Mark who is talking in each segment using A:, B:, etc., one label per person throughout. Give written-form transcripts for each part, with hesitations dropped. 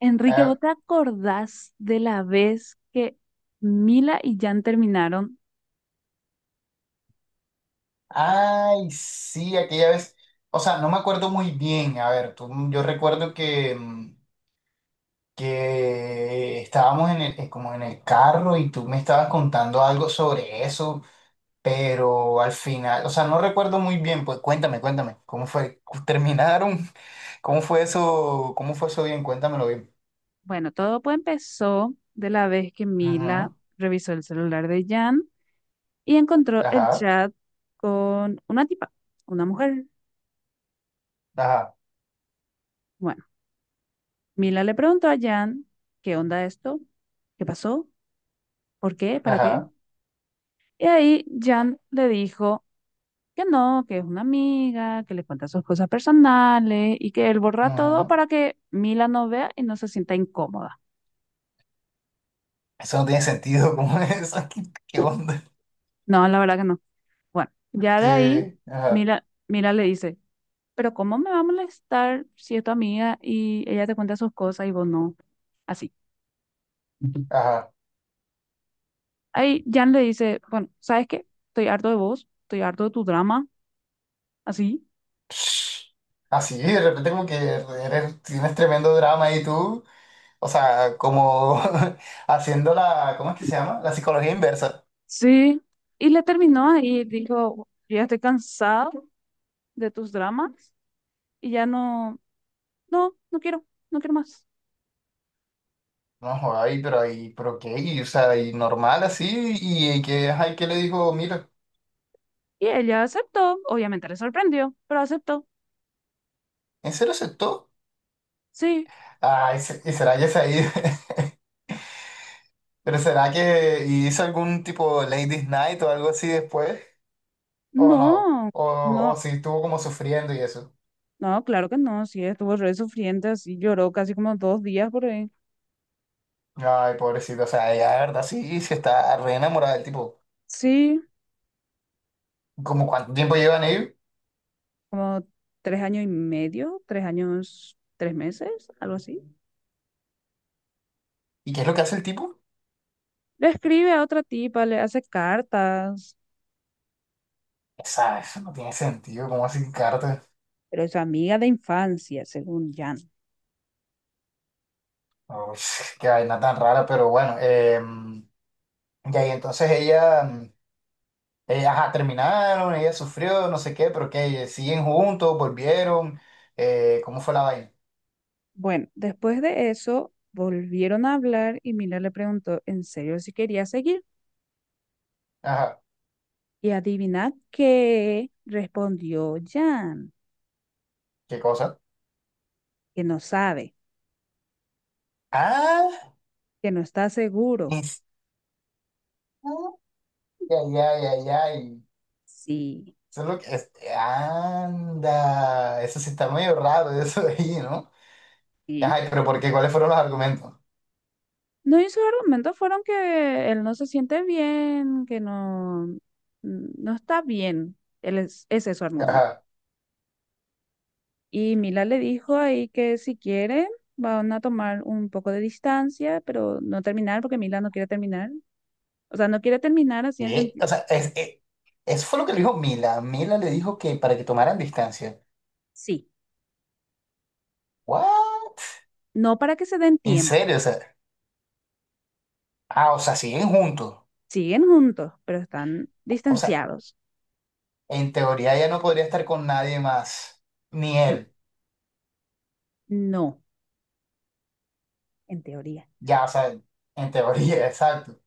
A: Enrique, ¿vos
B: Ah,
A: te acordás de la vez que Mila y Jan terminaron?
B: ay, sí, aquella vez. O sea, no me acuerdo muy bien. A ver, tú, yo recuerdo que, que estábamos en el, como en el carro y tú me estabas contando algo sobre eso, pero al final, o sea, no recuerdo muy bien. Pues cuéntame, ¿cómo fue? ¿Terminaron? ¿Cómo fue eso? ¿Cómo fue eso bien? Cuéntamelo bien.
A: Bueno, todo pues empezó de la vez que
B: Ujú.
A: Mila revisó el celular de Jan y encontró el
B: Ajá,
A: chat con una tipa, una mujer.
B: ajá,
A: Bueno, Mila le preguntó a Jan, ¿qué onda esto? ¿Qué pasó? ¿Por qué? ¿Para qué?
B: ajá.
A: Y ahí Jan le dijo que no, que es una amiga, que le cuenta sus cosas personales y que él borra todo
B: Ujú.
A: para que Mila no vea y no se sienta incómoda.
B: Eso no tiene sentido, ¿cómo es eso? ¿Qué onda?
A: No, la verdad que no. Bueno, ya de ahí,
B: Sí, ajá,
A: mira le dice, pero ¿cómo me va a molestar si es tu amiga y ella te cuenta sus cosas y vos no? Así.
B: ajá.
A: Ahí Jan le dice, bueno, ¿sabes qué? Estoy harto de vos, estoy harto de tu drama, así.
B: Así, de repente como que tienes tremendo drama y tú, o sea, como haciendo la, ¿cómo es que se llama? La psicología inversa.
A: Sí. Y le terminó ahí, dijo, yo ya estoy cansado de tus dramas y ya no, no quiero, no quiero más.
B: No, joder, ay, pero ahí, pero qué, y, o sea, y normal así, y que, ay, que le dijo, mira,
A: Y ella aceptó, obviamente le sorprendió, pero aceptó.
B: ¿en serio aceptó?
A: Sí,
B: Ay, y será que se ha ido, pero será que hizo algún tipo Ladies Night o algo así después, o no,
A: no, no.
B: o si estuvo como sufriendo y eso.
A: No, claro que no, sí, estuvo re sufriente, así lloró casi como dos días por ahí.
B: Ay, pobrecito, o sea, ella, la verdad, sí, sí está re enamorada del tipo.
A: Sí,
B: ¿Como cuánto tiempo llevan ellos
A: como tres años y medio, tres años, tres meses, algo así.
B: y qué es lo que hace el tipo?
A: Le escribe a otra tipa, le hace cartas,
B: Esa Eso no tiene sentido, cómo así cartas.
A: pero es su amiga de infancia, según Jan.
B: Uy, qué vaina tan rara, pero bueno. Y ahí entonces ella, ajá, terminaron, ella sufrió, no sé qué, pero que siguen juntos, volvieron. Cómo fue la vaina?
A: Bueno, después de eso, volvieron a hablar y Miller le preguntó en serio si quería seguir.
B: Ajá,
A: Y adivinad qué respondió Jan,
B: ¿qué cosa?
A: que no sabe,
B: Ah,
A: que no está seguro.
B: es- ay, ay, ay, ay.
A: Sí,
B: Eso es lo que anda, eso sí está medio raro, eso de ahí, ¿no? Ajá,
A: sí.
B: pero ¿por qué? ¿Cuáles fueron los argumentos?
A: No, y sus argumentos fueron que él no se siente bien, que no, no está bien. Él es, ese es su argumento.
B: Ajá.
A: Y Mila le dijo ahí que si quiere, van a tomar un poco de distancia, pero no terminar, porque Mila no quiere terminar. O sea, no quiere terminar así en
B: ¿Qué?
A: sentido.
B: O sea, eso fue lo que le dijo Mila. Mila le dijo que para que tomaran distancia.
A: Sí,
B: ¿What?
A: no, para que se den
B: ¿En
A: tiempo.
B: serio? O sea, ah, o sea, siguen juntos.
A: Siguen juntos, pero están
B: O sea,
A: distanciados.
B: en teoría ya no podría estar con nadie más, ni
A: N-
B: él.
A: No, en teoría.
B: Ya, o sea, en teoría, exacto.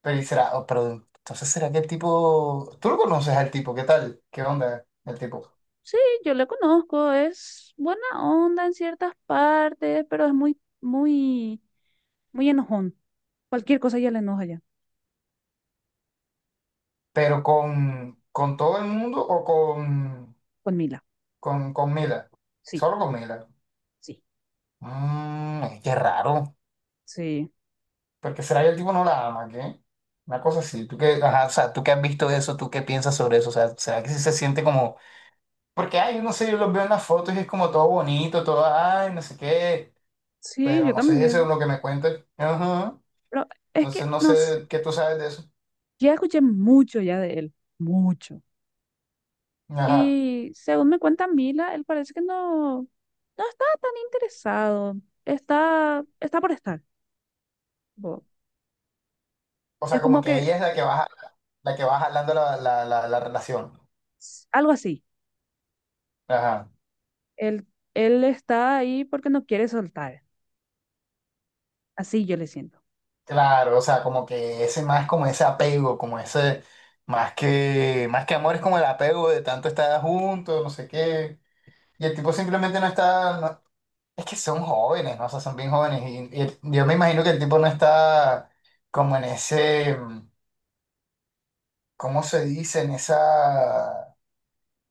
B: Pero, y será, oh, pero entonces será que el tipo, tú lo conoces al tipo, ¿qué tal? ¿Qué onda el tipo?
A: Sí, yo le conozco, es buena onda en ciertas partes, pero es muy, muy, muy enojón. Cualquier cosa ya le enoja ya,
B: Pero con todo el mundo o con,
A: con Mila.
B: con Mila.
A: Sí,
B: Solo con Mila.
A: sí,
B: Mmm, qué raro.
A: sí,
B: Porque será que el tipo no la ama, ¿qué? Una cosa así. ¿Tú qué, ajá, o sea, tú qué has visto de eso? ¿Tú qué piensas sobre eso? O sea, ¿será que sí se siente como... Porque, ay, yo no sé, yo los veo en las fotos y es como todo bonito, todo, ay, no sé qué?
A: sí,
B: Pero
A: yo
B: no sé, eso es
A: también.
B: lo que me cuentan. Ajá.
A: Pero es
B: Entonces
A: que,
B: no
A: no sé,
B: sé qué tú sabes de eso.
A: ya escuché mucho ya de él, mucho.
B: Ajá.
A: Y según me cuenta Mila, él parece que no, no está tan interesado, está, está por estar. Tipo,
B: O
A: es
B: sea, como
A: como
B: que
A: que
B: ella es la que va jalando la relación.
A: algo así,
B: Ajá.
A: él, él está ahí porque no quiere soltar. Así yo le siento.
B: Claro, o sea, como que ese más como ese apego, como ese... más que amor es como el apego de tanto estar juntos, no sé qué. Y el tipo simplemente no está. Es que son jóvenes, ¿no? O sea, son bien jóvenes. Y, yo me imagino que el tipo no está como en ese. ¿Cómo se dice? En esa.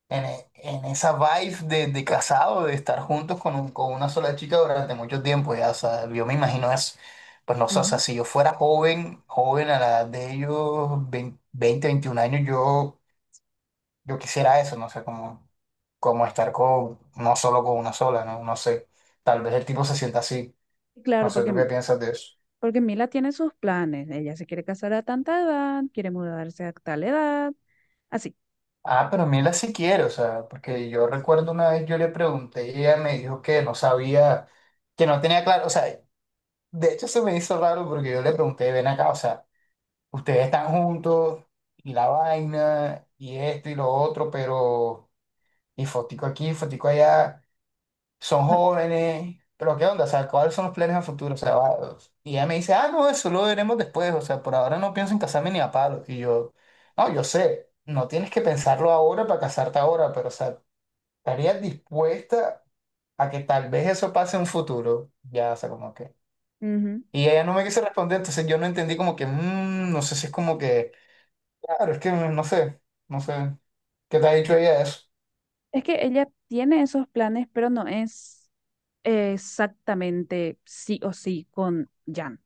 B: En, en esa vibe de casado, de estar juntos con, con una sola chica durante mucho tiempo, ya. O sea, yo me imagino eso. Pues no sé, o sea,
A: Ujú.
B: si yo fuera joven, joven a la edad de ellos, 20 20, 21 años, yo quisiera eso, no sé, como, como estar con, no solo con una sola, ¿no? No sé. Tal vez el tipo se sienta así. No
A: Claro,
B: sé tú qué
A: porque
B: piensas de eso.
A: porque Mila tiene sus planes. Ella se quiere casar a tanta edad, quiere mudarse a tal edad. Así,
B: Ah, pero Mila sí quiere, o sea, porque yo recuerdo una vez yo le pregunté y ella me dijo que no sabía, que no tenía claro, o sea, de hecho se me hizo raro porque yo le pregunté, ven acá, o sea, ustedes están juntos y la vaina y esto y lo otro, pero y fotico aquí, fotico allá. Son
A: no.
B: jóvenes, pero ¿qué onda? O sea, ¿cuáles son los planes a futuro? O sea, y ella me dice, ah, no, eso lo veremos después, o sea, por ahora no pienso en casarme ni a palo. Y yo, no, yo sé, no tienes que pensarlo ahora para casarte ahora, pero, o sea, ¿estarías dispuesta a que tal vez eso pase en un futuro? Ya, o sea, como que...
A: Ujú.
B: Y ella no me quiso responder, entonces yo no entendí como que, "Mm, no sé si es como que, claro, es que no sé, no sé, ¿qué te ha dicho ella de eso?
A: Es que ella tiene esos planes, pero no es exactamente sí o sí con Jan.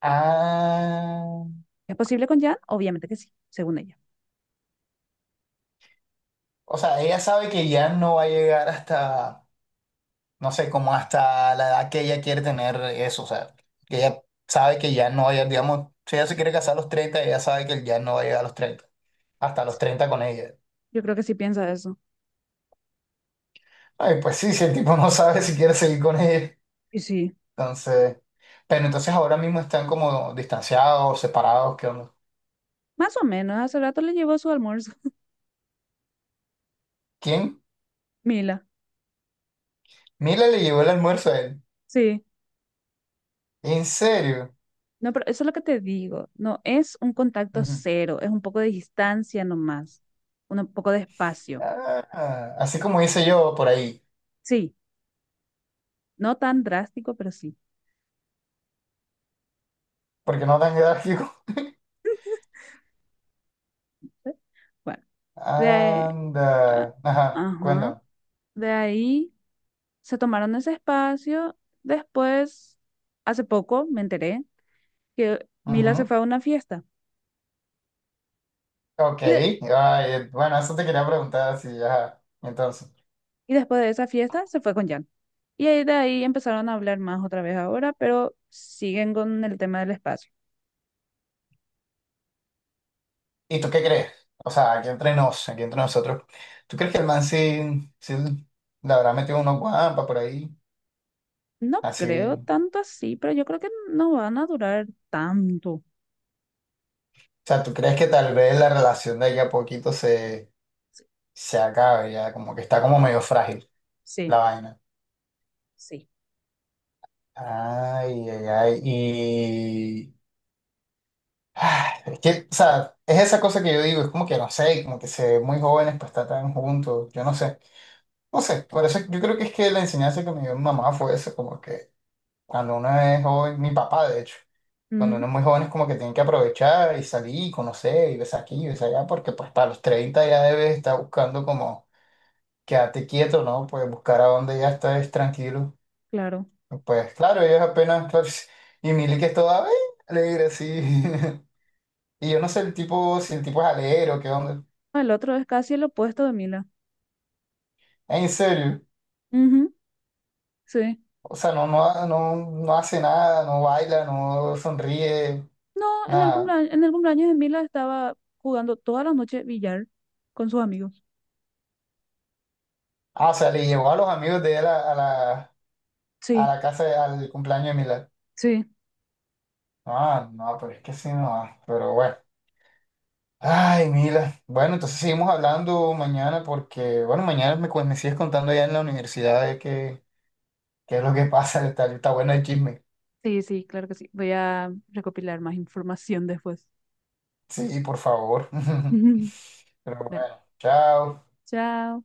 B: Ah.
A: ¿Es posible con Jan? Obviamente que sí, según ella.
B: O sea, ella sabe que ya no va a llegar hasta, no sé, como hasta la edad que ella quiere tener eso. O sea, que ella sabe que ya no va a llegar, digamos, si ella se quiere casar a los 30 ella sabe que ya no va a llegar a los 30 hasta los 30 con ella.
A: Yo creo que sí piensa eso.
B: Ay, pues sí, si el tipo no sabe si quiere seguir con ella.
A: Y sí,
B: Entonces, pero entonces ahora mismo están como distanciados, separados, ¿qué onda?
A: más o menos. Hace rato le llevó su almuerzo.
B: ¿Quién?
A: Mila.
B: Mila le llevó el almuerzo a él.
A: Sí.
B: ¿En serio?
A: No, pero eso es lo que te digo. No es un contacto
B: Ujú.
A: cero, es un poco de distancia nomás, un poco de espacio.
B: Ah, así como hice yo por ahí,
A: Sí. No tan drástico, pero sí.
B: porque no tan grave.
A: ¿Sí? Bueno, de, ahí- a-
B: Anda. Ajá,
A: ajá,
B: cuéntame.
A: de ahí se tomaron ese espacio. Después, hace poco me enteré que Mila se
B: Ujú.
A: fue a una fiesta
B: Ok.
A: y, de-
B: Ay, bueno, eso te quería preguntar, sí, ajá. Entonces,
A: y después de esa fiesta se fue con Jan. Y ahí de ahí empezaron a hablar más otra vez ahora, pero siguen con el tema del espacio.
B: ¿y tú qué crees? O sea, aquí entre nos, aquí entre nosotros, ¿tú crees que el man sí, sí le habrá metido unos guampas por ahí?
A: No
B: Así.
A: creo
B: O
A: tanto así, pero yo creo que no van a durar tanto.
B: sea, ¿tú crees que tal vez la relación de ella a poquito se acabe ya? Como que está como medio frágil la
A: Sí,
B: vaina.
A: sí.
B: Ay, ay, ay. Es que, o sea, es esa cosa que yo digo, es como que no sé, como que se ven muy jóvenes pues está tan juntos, yo no sé, no sé, por eso yo creo que es que la enseñanza que me dio mi mamá fue eso, como que cuando uno es joven, mi papá de hecho, cuando uno
A: Ujú,
B: es muy joven es como que tiene que aprovechar y salir y conocer y ves aquí y ves allá, porque pues para los 30 ya debes estar buscando como quedarte quieto, ¿no? Pues buscar a donde ya estés tranquilo.
A: claro.
B: Pues claro, ellos apenas, claro, y Mili que es toda "Ay, alegre así". Y yo no sé el tipo, si el tipo es alero, qué onda.
A: No, el otro es casi el opuesto de Mila.
B: ¿En serio?
A: Ujú. Sí.
B: O sea, no, no, no, no hace nada, no baila, no sonríe,
A: No,
B: nada.
A: en el cumpleaños de Mila estaba jugando toda la noche billar con sus amigos.
B: Ah, o sea, le llevó a los amigos de él a
A: Sí,
B: la casa, al cumpleaños de Mila.
A: sí,
B: Ah, no, pero es que sí, no. Ah, pero bueno. Ay, Mila. Bueno, entonces seguimos hablando mañana porque, bueno, mañana me, me sigues contando allá en la universidad de qué, qué es lo que pasa. Está, está bueno el chisme.
A: sí, sí, claro que sí. Voy a recopilar más información después.
B: Sí, por favor. Pero
A: Dale.
B: bueno, chao.
A: Chao.